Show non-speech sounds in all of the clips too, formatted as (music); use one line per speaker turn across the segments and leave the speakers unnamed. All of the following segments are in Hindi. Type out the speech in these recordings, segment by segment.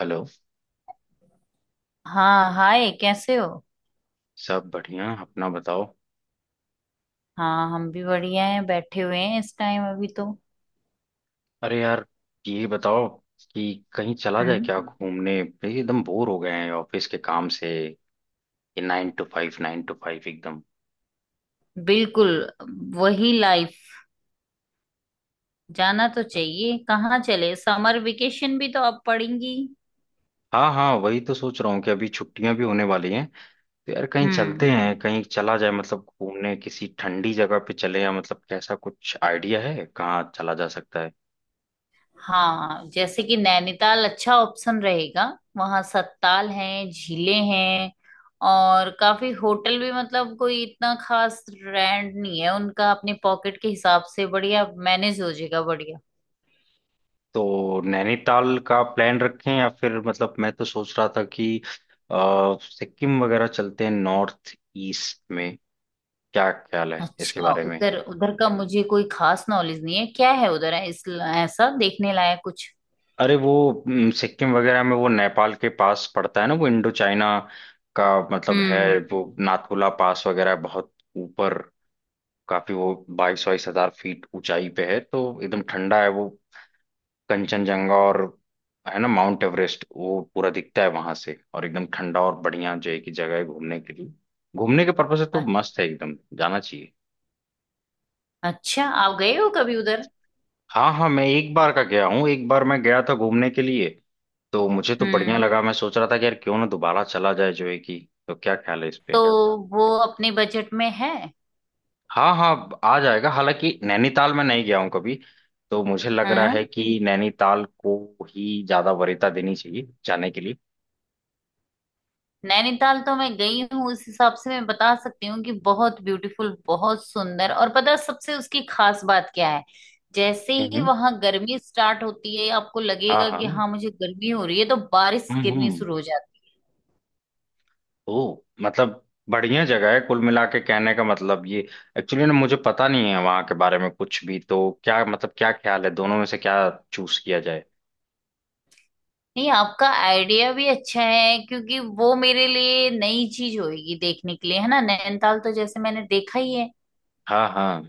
हेलो।
हाँ, हाय। कैसे हो?
सब बढ़िया अपना बताओ।
हाँ, हम भी बढ़िया हैं। बैठे हुए हैं इस टाइम अभी तो।
अरे यार, ये बताओ कि कहीं चला जाए
हम्म।
क्या, घूमने भाई, एकदम बोर हो गए हैं ऑफिस के काम से। ये 9 to 5 9 to 5 एकदम।
बिल्कुल। वही लाइफ। जाना तो चाहिए। कहाँ चले समर वेकेशन भी तो अब पड़ेंगी।
हाँ हाँ, वही तो सोच रहा हूँ कि अभी छुट्टियां भी होने वाली हैं। तो यार कहीं
हम्म।
चलते हैं, कहीं चला जाए मतलब घूमने, किसी ठंडी जगह पे चले, या मतलब कैसा, कुछ आइडिया है कहाँ चला जा सकता है?
हाँ, जैसे कि नैनीताल अच्छा ऑप्शन रहेगा। वहाँ सत्ताल हैं, झीलें हैं। और काफी होटल भी, मतलब कोई इतना खास रेंट नहीं है उनका। अपने पॉकेट के हिसाब से बढ़िया मैनेज हो जाएगा।
तो नैनीताल का प्लान रखें, या फिर मतलब मैं तो सोच रहा था कि सिक्किम वगैरह चलते हैं नॉर्थ ईस्ट में। क्या ख्याल है इसके
अच्छा,
बारे में?
उधर उधर का मुझे कोई खास नॉलेज नहीं है। क्या है उधर, है इस, ऐसा देखने लायक कुछ?
अरे वो सिक्किम वगैरह में, वो नेपाल के पास पड़ता है ना, वो इंडो चाइना का मतलब है।
हम्म।
वो नाथुला पास वगैरह बहुत ऊपर काफी, वो बाईस बाईस हजार फीट ऊंचाई पे है, तो एकदम ठंडा है वो। कंचनजंगा और है ना, माउंट एवरेस्ट वो पूरा दिखता है वहां से, और एकदम ठंडा और बढ़िया, जो है कि जगह है घूमने के लिए। घूमने के पर्पज से तो
अ-
मस्त है, एकदम जाना चाहिए।
अच्छा, आप गए हो कभी उधर?
हाँ हाँ, मैं एक बार का गया हूँ, एक बार मैं गया था घूमने के लिए। तो मुझे तो बढ़िया
हम्म।
लगा, मैं सोच रहा था कि यार क्यों ना दोबारा चला जाए जो है कि। तो क्या ख्याल है इस पे?
तो वो अपने बजट में है?
हाँ हाँ, आ जाएगा, हालांकि नैनीताल में नहीं गया हूँ कभी। तो मुझे लग रहा
हम्म।
है कि नैनीताल को ही ज्यादा वरीयता देनी चाहिए जाने के लिए।
नैनीताल तो मैं गई हूँ, उस हिसाब से मैं बता सकती हूँ कि बहुत ब्यूटीफुल, बहुत सुंदर। और पता है सबसे उसकी खास बात क्या है? जैसे
हम्म
ही
हम्म,
वहां गर्मी स्टार्ट होती है, आपको
हाँ
लगेगा
हाँ,
कि हाँ मुझे गर्मी हो रही है, तो बारिश गिरनी
हम्म,
शुरू हो जाती है।
ओ मतलब बढ़िया जगह है कुल मिला के, कहने का मतलब ये। एक्चुअली ना मुझे पता नहीं है वहाँ के बारे में कुछ भी, तो क्या मतलब, क्या ख्याल है दोनों में से क्या चूज किया जाए?
नहीं, आपका आइडिया भी अच्छा है, क्योंकि वो मेरे लिए नई चीज होगी देखने के लिए, है ना। नैनीताल तो जैसे मैंने देखा ही है।
हाँ हाँ,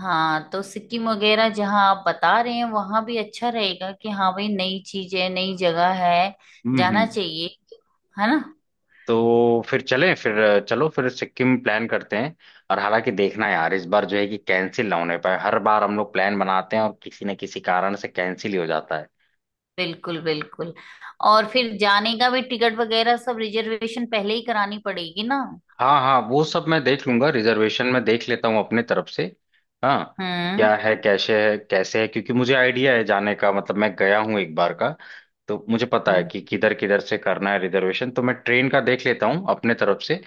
हाँ, तो सिक्किम वगैरह जहाँ आप बता रहे हैं वहां भी अच्छा रहेगा, कि हाँ भाई नई चीज है, नई जगह है। जाना
हम्म।
चाहिए, है ना।
तो फिर चलें फिर चलो, फिर सिक्किम प्लान करते हैं। और हालांकि देखना यार, इस बार जो है कि कैंसिल ना होने पाए, हर बार हम लोग प्लान बनाते हैं और किसी न किसी कारण से कैंसिल ही हो जाता है।
बिल्कुल, बिल्कुल। और फिर जाने का भी टिकट वगैरह सब रिजर्वेशन पहले ही करानी पड़ेगी ना।
हाँ हाँ, वो सब मैं देख लूंगा, रिजर्वेशन में देख लेता हूँ अपने तरफ से। हाँ।
हम्म
क्या है, कैसे है कैसे है, क्योंकि मुझे आइडिया है जाने का, मतलब मैं गया हूँ एक बार का। तो मुझे पता है
हम्म
कि किधर किधर से करना है रिजर्वेशन, तो मैं ट्रेन का देख लेता हूँ अपने तरफ से।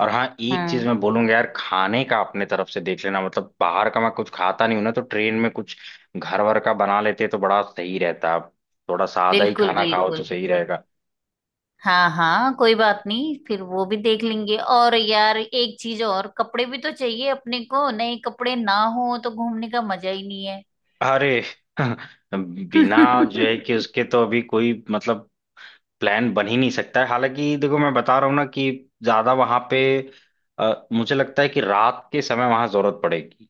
और हाँ एक चीज
हम्म।
मैं बोलूंगा यार, खाने का अपने तरफ से देख लेना, मतलब बाहर का मैं कुछ खाता नहीं हूं ना, तो ट्रेन में कुछ घर वर का बना लेते तो बड़ा सही रहता। थोड़ा सादा ही
बिल्कुल,
खाना खाओ तो
बिल्कुल।
सही रहेगा।
हाँ हाँ, कोई बात नहीं, फिर वो भी देख लेंगे। और यार एक चीज और, कपड़े भी तो चाहिए अपने को। नए कपड़े ना हो तो घूमने का मजा ही नहीं है।
अरे (laughs) बिना जो
(laughs)
है कि उसके तो अभी कोई मतलब, प्लान बन ही नहीं सकता है। हालांकि देखो, मैं बता रहा हूँ ना कि ज्यादा वहां पे मुझे लगता है कि रात के समय वहां जरूरत पड़ेगी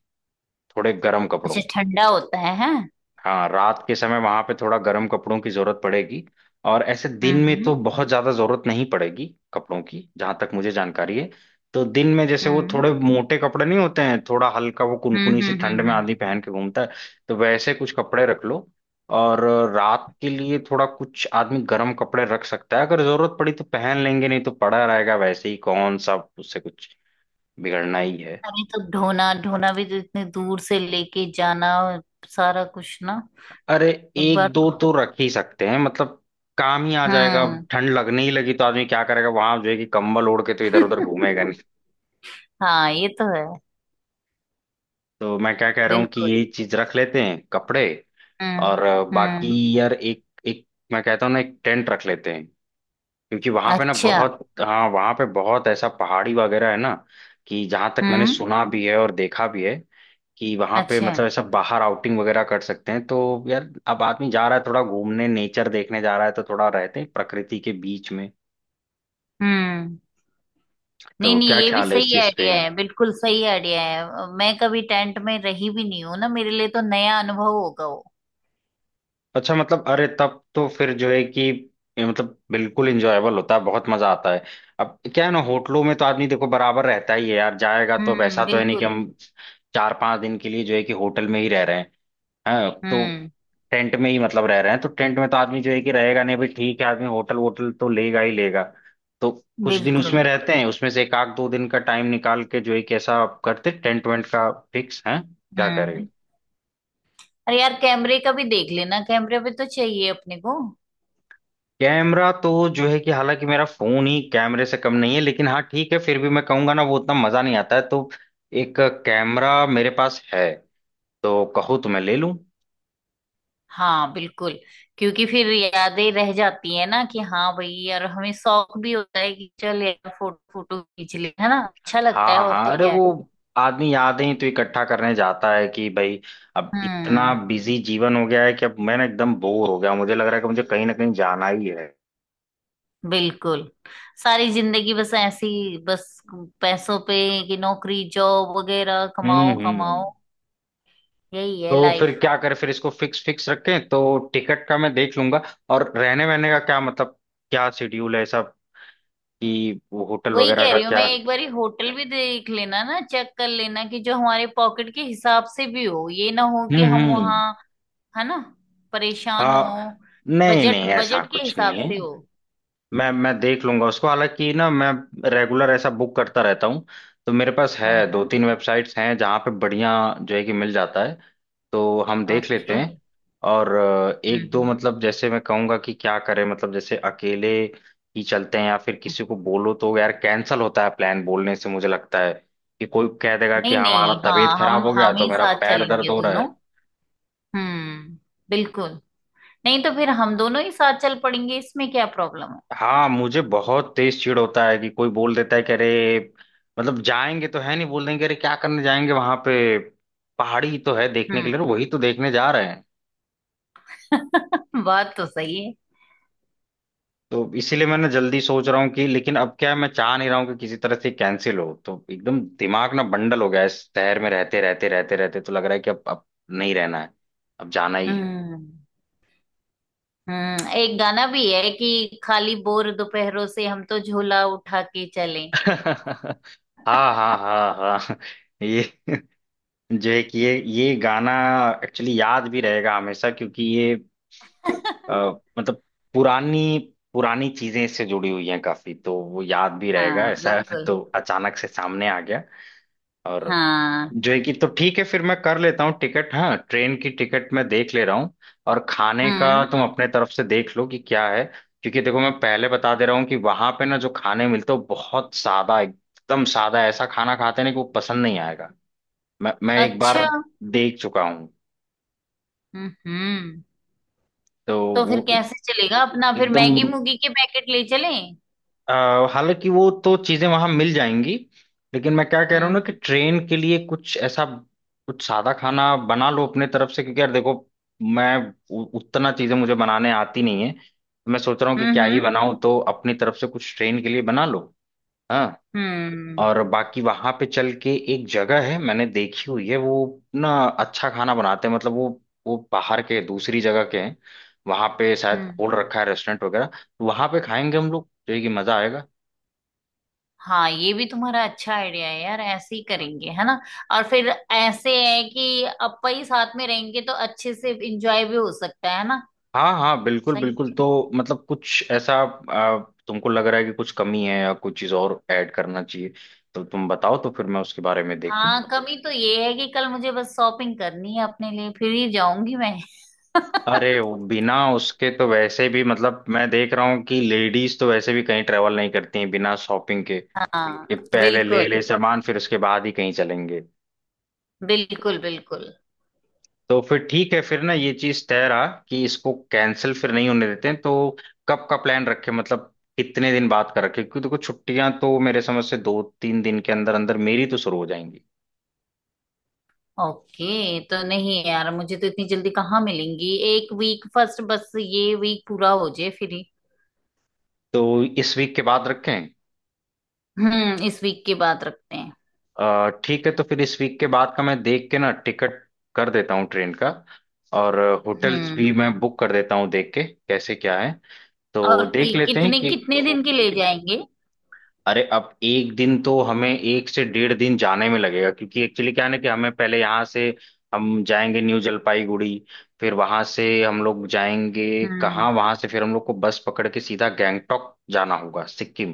थोड़े गर्म कपड़ों
अच्छा,
की।
ठंडा होता है, हैं।
हाँ, रात के समय वहां पे थोड़ा गर्म कपड़ों की जरूरत पड़ेगी, और ऐसे दिन
हम्म
में
हम्म
तो बहुत ज्यादा जरूरत नहीं पड़ेगी कपड़ों की, जहां तक मुझे जानकारी है। तो दिन में जैसे वो
हम्म
थोड़े मोटे कपड़े नहीं होते हैं, थोड़ा हल्का, वो
हम्म।
कुनकुनी सी ठंड में आदमी पहन के घूमता है। तो वैसे कुछ कपड़े रख लो, और रात के लिए थोड़ा कुछ आदमी गर्म कपड़े रख सकता है, अगर जरूरत पड़ी तो पहन लेंगे, नहीं तो पड़ा रहेगा वैसे ही, कौन सा उससे कुछ बिगड़ना ही है।
अरे, तो ढोना ढोना भी तो, इतने दूर से लेके जाना सारा कुछ ना।
अरे
एक बार
एक दो
तो,
तो रख ही सकते हैं मतलब, काम ही आ जाएगा। अब
हम्म।
ठंड लगने ही लगी तो आदमी क्या करेगा वहां, जो है कि कंबल ओढ़ के तो इधर उधर घूमेगा नहीं।
(laughs) हाँ, ये तो है।
तो मैं क्या कह रहा हूँ कि
बिल्कुल।
ये चीज रख लेते हैं कपड़े। और
हम्म।
बाकी यार, एक एक मैं कहता हूँ ना, एक टेंट रख लेते हैं। क्योंकि वहां पे ना
अच्छा।
बहुत, हाँ वहां पे बहुत ऐसा पहाड़ी वगैरह है ना, कि जहां तक मैंने
हम्म।
सुना भी है और देखा भी है, कि वहां पे
अच्छा।
मतलब ऐसा बाहर आउटिंग वगैरह कर सकते हैं। तो यार, अब आदमी जा रहा है थोड़ा घूमने, नेचर देखने जा रहा है, तो थोड़ा रहते हैं प्रकृति के बीच में।
हम्म। नहीं
तो
नहीं,
क्या
ये भी
ख्याल है इस
सही
चीज पे?
आइडिया है, बिल्कुल सही आइडिया है। मैं कभी टेंट में रही भी नहीं हूँ ना, मेरे लिए तो नया अनुभव होगा वो।
अच्छा मतलब, अरे तब तो फिर जो है कि ये मतलब बिल्कुल इंजॉयबल होता है, बहुत मजा आता है। अब क्या है ना, होटलों में तो आदमी देखो बराबर रहता ही है यार, जाएगा तो, अब ऐसा
हम्म।
तो है नहीं कि
बिल्कुल।
हम चार पांच दिन के लिए जो है कि होटल में ही रह रहे हैं। हाँ, तो
हम्म।
टेंट में ही मतलब रह रहे हैं, तो टेंट में तो आदमी जो है कि रहेगा नहीं, भाई ठीक है, आदमी होटल वोटल तो लेगा ही लेगा। तो कुछ दिन
बिल्कुल।
उसमें रहते हैं, उसमें से एक आध दो दिन का टाइम निकाल के जो है कि ऐसा आप करते टेंट वेंट का, फिक्स है क्या करेंगे?
हम्म। अरे यार, कैमरे का भी देख लेना। कैमरे पे तो चाहिए अपने को।
कैमरा तो जो है कि हालांकि मेरा फोन ही कैमरे से कम नहीं है, लेकिन हाँ ठीक है, फिर भी मैं कहूंगा ना, वो उतना मजा नहीं आता है, तो एक कैमरा मेरे पास है, तो कहो तो मैं ले लूं।
हाँ बिल्कुल। क्योंकि फिर यादें रह जाती है ना, कि हाँ भाई यार हमें शौक भी होता है कि चल यार फोटो फोटो खींच ले। है ना, अच्छा लगता है।
हाँ
और
हाँ,
तो
अरे
क्या है?
वो, आदमी यादें तो इकट्ठा करने जाता है कि भाई। अब इतना
हम्म।
बिजी जीवन हो गया है कि अब मैं ना एकदम बोर हो गया, मुझे लग रहा है कि मुझे कहीं ना कहीं जाना ही है।
बिल्कुल। सारी जिंदगी बस ऐसी। बस, पैसों पे, कि नौकरी जॉब वगैरह कमाओ कमाओ।
हम्म।
यही है
तो फिर
लाइफ।
क्या करें, फिर इसको फिक्स फिक्स रखें, तो टिकट का मैं देख लूंगा। और रहने वहने का क्या, मतलब क्या शेड्यूल है सब, कि वो होटल
वही
वगैरह
कह
का
रही हूँ मैं,
क्या?
एक बारी होटल भी देख लेना ना, चेक कर लेना, कि जो हमारे पॉकेट के हिसाब से भी हो। ये ना हो कि हम
हम्म।
वहाँ, है ना, परेशान
हाँ,
हो।
नहीं
बजट,
नहीं, ऐसा
बजट के
कुछ
हिसाब
नहीं है।
से हो।
मैं देख लूंगा उसको, हालांकि ना, मैं रेगुलर ऐसा बुक करता रहता हूँ, तो मेरे पास है दो
हम्म।
तीन वेबसाइट्स, हैं जहाँ पे बढ़िया जो है कि मिल जाता है, तो हम देख
ओके।
लेते हैं। और एक दो,
हम्म
मतलब जैसे मैं कहूँगा कि क्या करें, मतलब जैसे अकेले ही चलते हैं या फिर
हम्म।
किसी को बोलो, तो यार कैंसिल होता है प्लान बोलने से, मुझे लगता है कि कोई कह देगा कि
नहीं
हमारा
नहीं,
तबीयत
हाँ, हम
खराब हो गया,
हम
तो
ही
मेरा
साथ
पैर
चलेंगे
दर्द हो रहा
दोनों।
है।
हम्म। बिल्कुल। नहीं तो फिर हम दोनों ही साथ चल पड़ेंगे। इसमें क्या प्रॉब्लम है?
हाँ, मुझे बहुत तेज चिढ़ होता है कि कोई बोल देता है कि अरे, मतलब जाएंगे तो है नहीं, बोल देंगे अरे क्या करने जाएंगे वहां पे, पहाड़ी तो है देखने के लिए, वही तो देखने जा रहे हैं।
हम्म। (laughs) बात तो सही है।
तो इसीलिए मैंने जल्दी सोच रहा हूँ कि, लेकिन अब क्या है, मैं चाह नहीं रहा हूँ कि किसी तरह से कैंसिल हो, तो एकदम दिमाग ना बंडल हो गया है इस शहर में रहते रहते, तो लग रहा है कि अब नहीं रहना है, अब जाना ही है।
हम्म हम्म, एक गाना भी है कि खाली बोर दोपहरों से हम तो झोला उठा के चलें।
(laughs) हाँ हाँ हाँ हाँ, (laughs) ये जो एक ये गाना एक्चुअली याद भी रहेगा हमेशा, क्योंकि ये अ,
(laughs)
मतलब पुरानी पुरानी चीजें इससे जुड़ी हुई हैं काफी, तो वो याद भी रहेगा
हाँ
ऐसा। (laughs)
बिल्कुल।
तो अचानक से सामने आ गया। और
हाँ।
जो है कि तो ठीक है, फिर मैं कर लेता हूँ टिकट, हाँ ट्रेन की टिकट मैं देख ले रहा हूँ। और खाने का
हम्म।
तुम अपने तरफ से देख लो कि क्या है, क्योंकि देखो मैं पहले बता दे रहा हूँ कि वहां पे ना जो खाने मिलते हो, बहुत सादा, एकदम सादा ऐसा खाना खाते हैं ना, कि वो पसंद नहीं आएगा। मैं एक
अच्छा।
बार देख चुका हूँ,
हम्म।
तो
तो फिर
वो
कैसे चलेगा अपना, फिर मैगी
एकदम
मूगी के पैकेट ले चलें?
अ, हालांकि वो तो चीजें वहां मिल जाएंगी, लेकिन मैं क्या कह रहा हूँ ना
हम्म
कि ट्रेन के लिए कुछ ऐसा, कुछ सादा खाना बना लो अपने तरफ से। क्योंकि यार देखो, मैं उतना चीजें मुझे बनाने आती नहीं है, मैं सोच रहा हूँ कि क्या ही
हम्म
बनाऊं, तो अपनी तरफ से कुछ ट्रेन के लिए बना लो। हाँ।
हम्म
और बाकी वहां पे चल के एक जगह है मैंने देखी हुई है वो ना, अच्छा खाना बनाते हैं, मतलब वो बाहर के दूसरी जगह के हैं, वहां पे शायद
हम्म।
खोल रखा है रेस्टोरेंट वगैरह, तो वहां पे खाएंगे हम लोग, जो है कि मजा आएगा।
हाँ, ये भी तुम्हारा अच्छा आइडिया है यार। ऐसे ही करेंगे है ना। और फिर ऐसे है कि अपा ही साथ में रहेंगे तो अच्छे से एंजॉय भी हो सकता है ना।
हाँ हाँ बिल्कुल
सही
बिल्कुल,
है।
तो मतलब कुछ ऐसा आ, तुमको लग रहा है कि कुछ कमी है या कुछ चीज और ऐड करना चाहिए, तो तुम बताओ, तो फिर मैं उसके बारे में देखूं।
हाँ, कमी तो ये है कि कल मुझे बस शॉपिंग करनी है अपने लिए, फिर ही जाऊंगी मैं। (laughs)
अरे वो बिना उसके तो वैसे भी मतलब, मैं देख रहा हूँ कि लेडीज तो वैसे भी कहीं ट्रेवल नहीं करती हैं बिना शॉपिंग के, कि
हाँ।
पहले ले ले
बिल्कुल,
सामान, फिर उसके बाद ही कहीं चलेंगे।
बिल्कुल। बिल्कुल।
तो फिर ठीक है, फिर ना ये चीज तय रहा कि इसको कैंसिल फिर नहीं होने देते हैं, तो कब का प्लान रखे, मतलब कितने दिन बाद का रखे, क्योंकि देखो छुट्टियां तो मेरे समझ से दो तीन दिन के अंदर अंदर मेरी तो शुरू हो जाएंगी।
ओके, तो नहीं यार, मुझे तो इतनी जल्दी कहाँ मिलेंगी। एक वीक फर्स्ट, बस ये वीक पूरा हो जाए फिर ही।
तो इस वीक के बाद रखें।
हम्म। इस वीक की बात रखते हैं।
ठीक है, तो फिर इस वीक के बाद का मैं देख के ना टिकट कर देता हूँ ट्रेन का, और होटल्स
हम्म।
भी मैं बुक कर देता हूँ, देख के कैसे क्या है,
और
तो देख लेते हैं
कितने
कि।
कितने दिन के ले जाएंगे?
अरे अब एक दिन तो, हमें एक से 1.5 दिन जाने में लगेगा, क्योंकि एक्चुअली क्या है ना, कि हमें पहले यहाँ से हम जाएंगे न्यू जलपाईगुड़ी, फिर वहां से हम लोग जाएंगे
हम्म
कहाँ, वहां से फिर हम लोग को बस पकड़ के सीधा गैंगटोक जाना होगा, सिक्किम।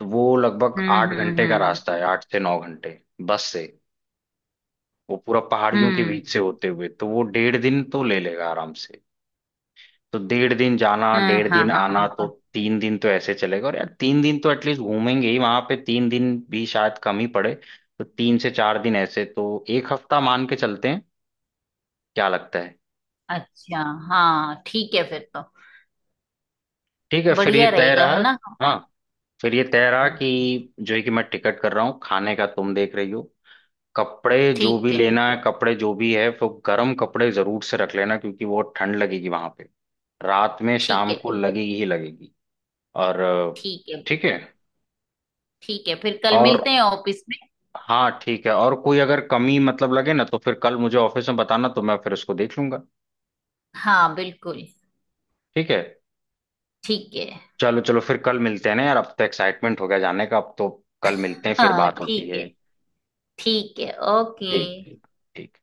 तो वो लगभग आठ घंटे का
हम्म।
रास्ता है, 8 से 9 घंटे बस से, वो पूरा पहाड़ियों के
हम्म,
बीच से होते हुए, तो वो 1.5 दिन तो ले लेगा आराम से। तो 1.5 दिन जाना,
हाँ
डेढ़
हाँ
दिन
हाँ,
आना, तो
बिल्कुल।
3 दिन तो ऐसे चलेगा, और यार 3 दिन तो एटलीस्ट घूमेंगे ही वहां पे, 3 दिन भी शायद कम ही पड़े, तो 3 से 4 दिन ऐसे, तो एक हफ्ता मान के चलते हैं। क्या लगता है?
अच्छा। हाँ ठीक है फिर तो।
ठीक है, फिर ये
बढ़िया
तय
रहेगा
रहा।
है ना।
हाँ, फिर ये तय रहा
हम्म।
कि जो है कि मैं टिकट कर रहा हूँ, खाने का तुम देख रही हो, कपड़े जो
ठीक
भी
है।
लेना है, कपड़े जो भी है, तो गर्म कपड़े जरूर से रख लेना क्योंकि वो ठंड लगेगी वहां पे, रात में
ठीक
शाम
है।
को लगेगी ही लगेगी। और
ठीक है।
ठीक है,
ठीक है, फिर कल
और
मिलते हैं ऑफिस में।
हाँ ठीक है, और कोई अगर कमी मतलब लगे ना तो फिर कल मुझे ऑफिस में बताना, तो मैं फिर उसको देख लूंगा।
हाँ बिल्कुल।
ठीक है।
ठीक है।
चलो चलो फिर कल मिलते हैं ना यार, अब तो एक्साइटमेंट हो गया जाने का अब तो, कल मिलते हैं, फिर
हाँ
बात होती
ठीक
है।
है। ठीक है,
ठीक ठीक
ओके।
ठीक।